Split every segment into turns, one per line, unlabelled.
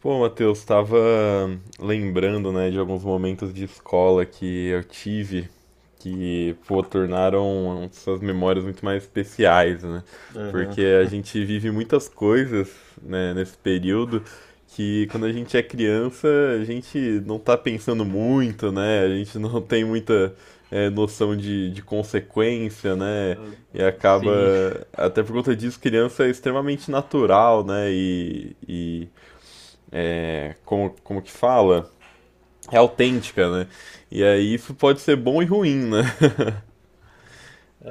Pô, Matheus, estava lembrando, né, de alguns momentos de escola que eu tive que, pô, tornaram essas memórias muito mais especiais, né?
Aham.
Porque a gente vive muitas coisas, né, nesse período que quando a gente é criança, a gente não tá pensando muito, né? A gente não tem muita, noção de consequência, né?
Ah,
E acaba,
sim.
até por conta disso, criança é extremamente natural, né? E é, como, como que fala? É autêntica, né? E aí isso pode ser bom e ruim, né?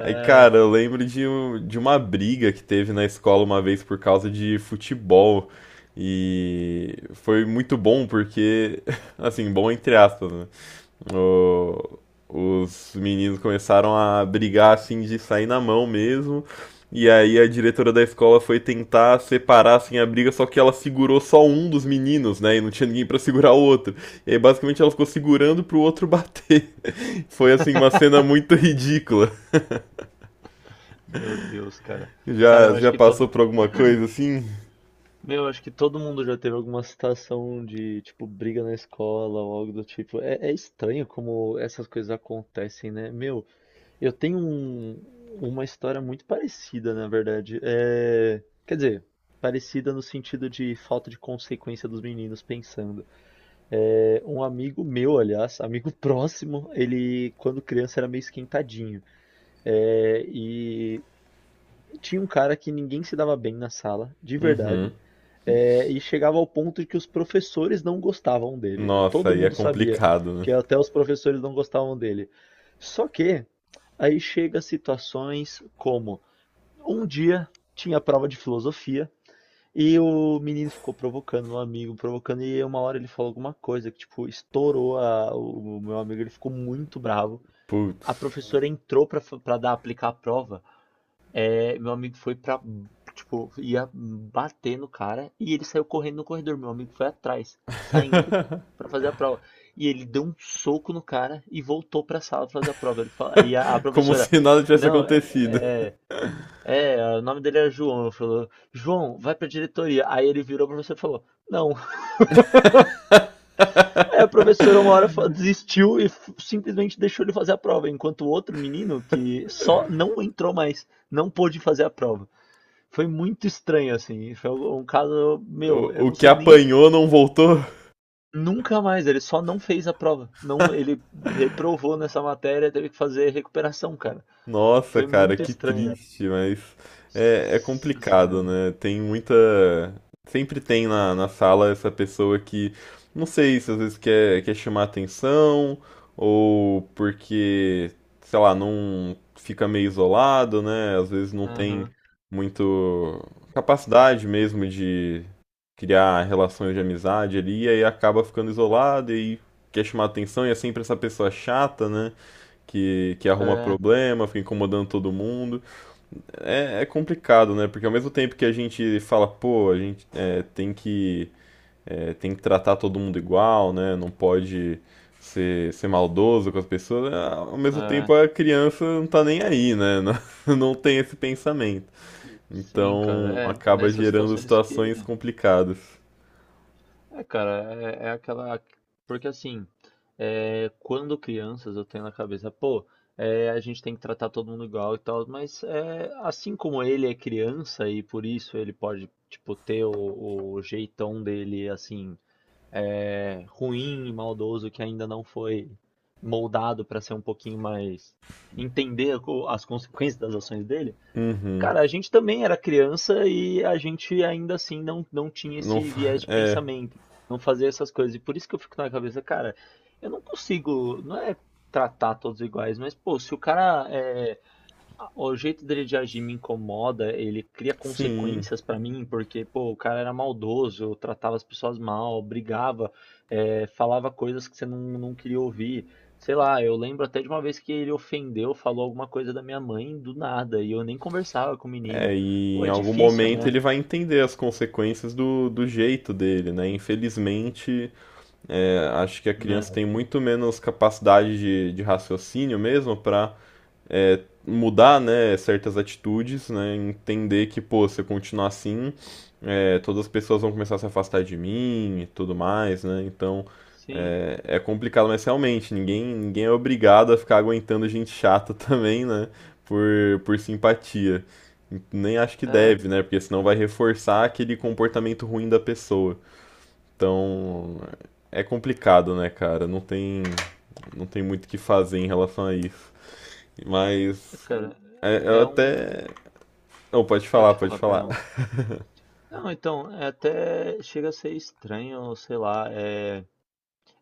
Aí, cara, eu lembro de uma briga que teve na escola uma vez por causa de futebol. E foi muito bom porque, assim, bom entre aspas, né? O- os meninos começaram a brigar assim de sair na mão mesmo. E aí a diretora da escola foi tentar separar assim a briga, só que ela segurou só um dos meninos, né? E não tinha ninguém pra segurar o outro. E aí basicamente ela ficou segurando pro outro bater. Foi assim uma cena muito ridícula.
meu Deus, cara. Cara,
Já
eu acho
já
que
passou
todo,
por alguma coisa assim?
meu, eu acho que todo mundo já teve alguma situação de, tipo, briga na escola ou algo do tipo. É, é estranho como essas coisas acontecem, né? Meu, eu tenho um- uma história muito parecida, na verdade. É, quer dizer, parecida no sentido de falta de consequência dos meninos pensando. É, um amigo meu, aliás, amigo próximo, ele, quando criança, era meio esquentadinho. É, e tinha um cara que ninguém se dava bem na sala, de verdade. É, e chegava ao ponto de que os professores não gostavam dele.
Nossa,
Todo
aí é
mundo Nossa. Sabia
complicado, né?
que até os professores não gostavam dele. Só que aí chega situações como um dia tinha prova de filosofia e o menino ficou provocando meu amigo, provocando e uma hora ele falou alguma coisa que tipo o meu amigo, ele ficou muito bravo.
Putz.
A professora entrou para dar aplicar a prova é, meu amigo foi pra, tipo, ia bater no cara e ele saiu correndo no corredor. Meu amigo foi atrás, saindo pra fazer a prova. E ele deu um soco no cara e voltou pra sala pra fazer a prova. Ele fala, e a
Como
professora,
se nada tivesse
não, é,
acontecido.
é, é, é, o nome dele era João. Falou, João, vai pra diretoria. Aí ele virou pra você e falou, não. Aí a professora uma hora desistiu e simplesmente deixou ele fazer a prova, enquanto o outro menino que só não entrou mais, não pôde fazer a prova. Foi muito estranho, assim. Foi um caso, meu, eu
O
não
que
sei nem.
apanhou não voltou?
Nunca mais, ele só não fez a prova. Não, ele reprovou nessa matéria, teve que fazer recuperação, cara.
Nossa,
Foi
cara,
muito
que
estranho.
triste, mas é, é
Nossa
complicado,
senhora.
né? Tem muita. Sempre tem na sala essa pessoa que, não sei se às vezes quer chamar atenção, ou porque, sei lá, não fica meio isolado, né? Às vezes não tem
Aham.
muito capacidade mesmo de criar relações de amizade ali, e aí acaba ficando isolado e quer chamar atenção, e é sempre essa pessoa chata, né? Que arruma
É,
problema, fica incomodando todo mundo. É, é complicado, né? Porque ao mesmo tempo que a gente fala, pô, a gente tem que tem que tratar todo mundo igual, né? Não pode ser maldoso com as pessoas. Ao mesmo tempo
é.
a criança não tá nem aí, né? Não, não tem esse pensamento.
Sim, cara.
Então
É é
acaba
nessas
gerando
situações que.
situações complicadas.
É, cara, é, é aquela. Porque assim, é, quando crianças eu tenho na cabeça, pô, é, a gente tem que tratar todo mundo igual e tal, mas é, assim como ele é criança e por isso ele pode, tipo, ter o jeitão dele, assim, é, ruim e maldoso que ainda não foi moldado pra ser um pouquinho mais. Entender as consequências das ações dele.
Uhum.
Cara, a gente também era criança e a gente ainda assim não tinha
Não,
esse viés de
é,
pensamento, não fazia essas coisas. E por isso que eu fico na cabeça, cara, eu não consigo, não é tratar todos iguais, mas pô, se o cara é, o jeito dele de agir me incomoda, ele cria
sim.
consequências pra mim, porque, pô, o cara era maldoso, tratava as pessoas mal, brigava, falava coisas que você não queria ouvir. Sei lá, eu lembro até de uma vez que ele ofendeu, falou alguma coisa da minha mãe do nada, e eu nem conversava com o menino.
É, e
Pô,
em
é
algum
difícil,
momento
né?
ele vai entender as consequências do, do jeito dele, né? Infelizmente, acho que a criança
Né?
tem muito menos capacidade de raciocínio mesmo para mudar, né, certas atitudes, né, entender que, pô, se eu continuar assim, é, todas as pessoas vão começar a se afastar de mim e tudo mais, né, então
Sim,
é, é complicado, mas realmente, ninguém é obrigado a ficar aguentando gente chata também, né, por simpatia. Nem acho que
é,
deve, né, porque senão vai reforçar aquele comportamento ruim da pessoa. Então, é complicado, né, cara, não tem muito o que fazer em relação a isso. Mas
cara,
é, eu
é
até.
um.
Não, pode falar,
Pode
pode
falar,
falar.
perdão. Não, então, é até chega a ser estranho, sei lá, é.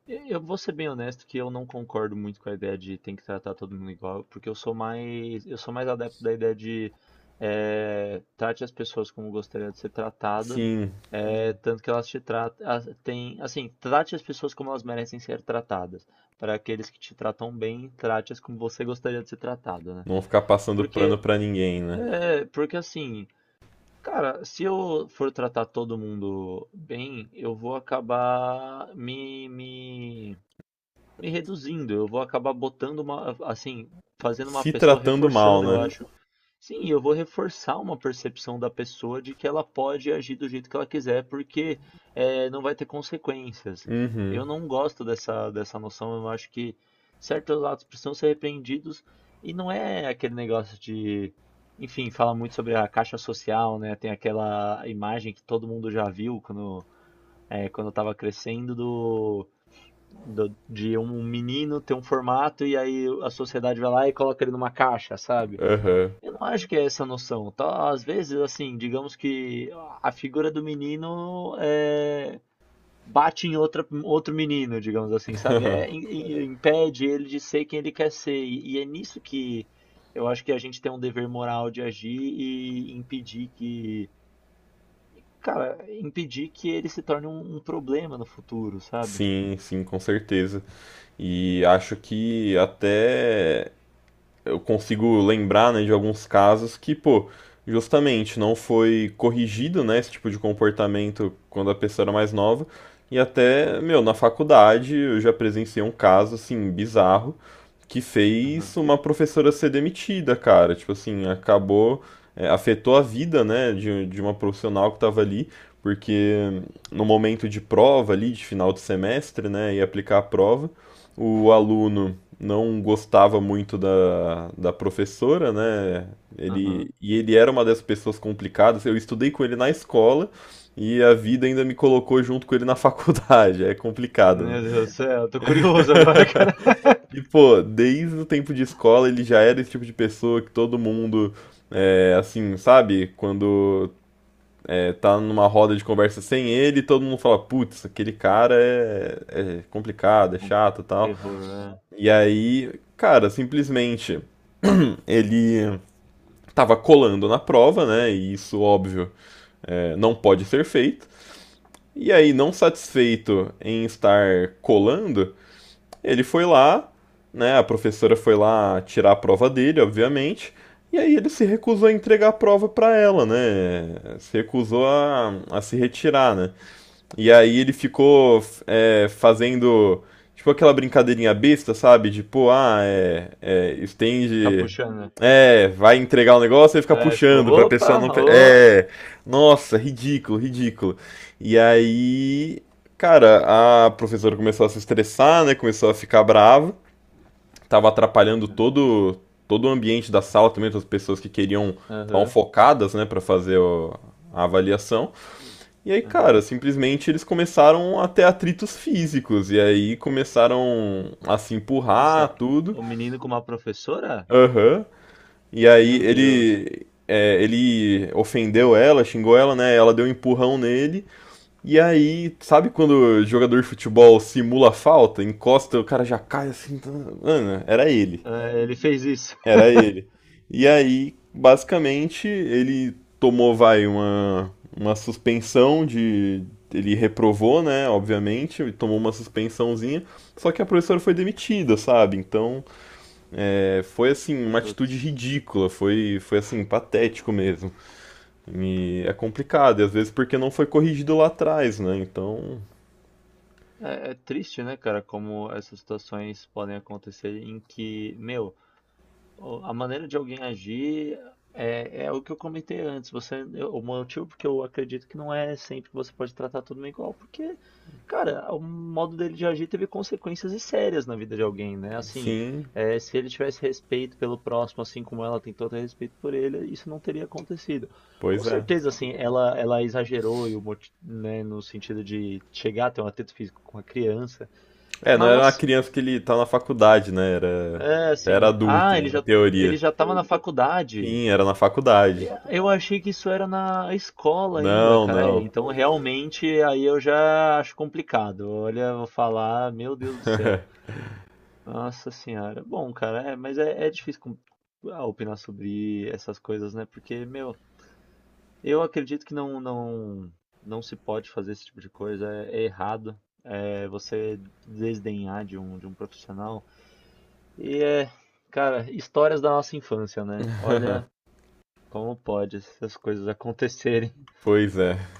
Eu vou ser bem honesto que eu não concordo muito com a ideia de tem que tratar todo mundo igual, porque eu sou mais adepto da ideia de trate as pessoas como gostaria de ser tratada,
Sim,
entendi. Tanto que elas te tratam, tem, assim, trate as pessoas como elas merecem ser tratadas. Para aqueles que te tratam bem, trate-as como você gostaria de ser tratado, né?
não ficar passando pano
Porque,
pra ninguém, né?
é, porque assim, cara, se eu for tratar todo mundo bem, eu vou acabar me reduzindo, eu vou acabar botando uma, assim, fazendo uma
Se
pessoa
tratando mal,
reforçando, eu
né?
acho. Sim, eu vou reforçar uma percepção da pessoa de que ela pode agir do jeito que ela quiser, porque não vai ter consequências.
Uhum,
Eu não gosto dessa noção, eu acho que certos atos precisam ser repreendidos e não é aquele negócio de. Enfim, fala muito sobre a caixa social, né? Tem aquela imagem que todo mundo já viu quando, quando eu tava crescendo do de um menino ter um formato e aí a sociedade vai lá e coloca ele numa caixa, sabe?
aham.
Eu não acho que é essa a noção. Tá? Às vezes, assim, digamos que a figura do menino é, bate em outra, outro menino, digamos assim, sabe? É, impede ele de ser quem ele quer ser. E é nisso que eu acho que a gente tem um dever moral de agir e impedir que, cara, impedir que ele se torne um, um problema no futuro, sabe?
Sim, sim, com certeza. E acho que até eu consigo lembrar, né, de alguns casos que, pô, justamente não foi corrigido, né, esse tipo de comportamento quando a pessoa era mais nova. E até, meu, na faculdade eu já presenciei um caso, assim, bizarro, que fez
Aham,
uma professora ser demitida, cara. Tipo assim, acabou, é, afetou a vida, né, de uma profissional que estava ali, porque no momento de prova ali, de final de semestre, né, ia aplicar a prova, o aluno não gostava muito da professora, né? Ele,
aham.
e ele era uma dessas pessoas complicadas. Eu estudei com ele na escola e a vida ainda me colocou junto com ele na faculdade. É complicado,
Meu Deus
né?
do céu, tô curioso agora, cara.
E, pô, desde o tempo de escola ele já era esse tipo de pessoa que todo mundo. É, assim, sabe? Quando é, tá numa roda de conversa sem ele, todo mundo fala, putz, aquele cara é complicado, é
Um
chato e tal.
terror, né?
E aí, cara, simplesmente ele estava colando na prova, né? E isso, óbvio, é, não pode ser feito. E aí, não satisfeito em estar colando, ele foi lá, né? A professora foi lá tirar a prova dele, obviamente. E aí ele se recusou a entregar a prova para ela, né? Se recusou a se retirar, né? E aí ele ficou é, fazendo tipo aquela brincadeirinha besta, sabe? Tipo, ah,
Ficar
estende.
puxando, né?
É, vai entregar o negócio e fica
É, tipo,
puxando pra pessoa
opa,
não.
ô.
É. Nossa, ridículo, ridículo. E aí, cara, a professora começou a se estressar, né? Começou a ficar brava. Tava atrapalhando todo o ambiente da sala também, todas as pessoas que queriam estavam
Aham,
focadas, né, pra fazer a avaliação. E aí, cara,
aham.
simplesmente eles começaram a ter atritos físicos. E aí começaram a se empurrar,
Nossa,
tudo.
o menino com uma professora?
Aham. E aí
Meu Deus.
ele. É, ele ofendeu ela, xingou ela, né? Ela deu um empurrão nele. E aí, sabe quando o jogador de futebol simula falta, encosta, o cara já cai assim. Mano, era ele.
É, ele fez isso.
Era ele. E aí, basicamente, ele tomou, vai, uma suspensão de. Ele reprovou, né? Obviamente, e tomou uma suspensãozinha. Só que a professora foi demitida, sabe? Então, é, foi assim, uma
Putz.
atitude ridícula. Foi, foi assim, patético mesmo. E é complicado, e às vezes porque não foi corrigido lá atrás, né? Então,
É, é triste, né, cara, como essas situações podem acontecer em que, meu, a maneira de alguém agir é, é o que eu comentei antes. Você, o motivo porque eu acredito que não é sempre que você pode tratar todo mundo igual, porque, cara, o modo dele de agir teve consequências e sérias na vida de alguém, né? Assim,
sim,
é, se ele tivesse respeito pelo próximo, assim como ela tentou ter respeito por ele, isso não teria acontecido. Com
pois é.
certeza, assim, ela exagerou e o né, no sentido de chegar a ter um atrito físico com a criança,
É, não era uma
mas,
criança que ele tá na faculdade, né? Era,
é
era
assim,
adulto,
ah,
em
ele
teoria.
já estava na faculdade.
Sim, era na faculdade.
E eu achei que isso era na escola ainda,
Não,
cara. É,
não.
então realmente aí eu já acho complicado. Olha, eu vou falar, meu Deus do céu. Nossa senhora. Bom, cara, é, mas é, é difícil ah, opinar sobre essas coisas, né? Porque, meu, eu acredito que não se pode fazer esse tipo de coisa. É, é errado. É você desdenhar de um profissional. E é, cara, histórias da nossa infância, né? Olha como pode essas coisas acontecerem.
Pois é.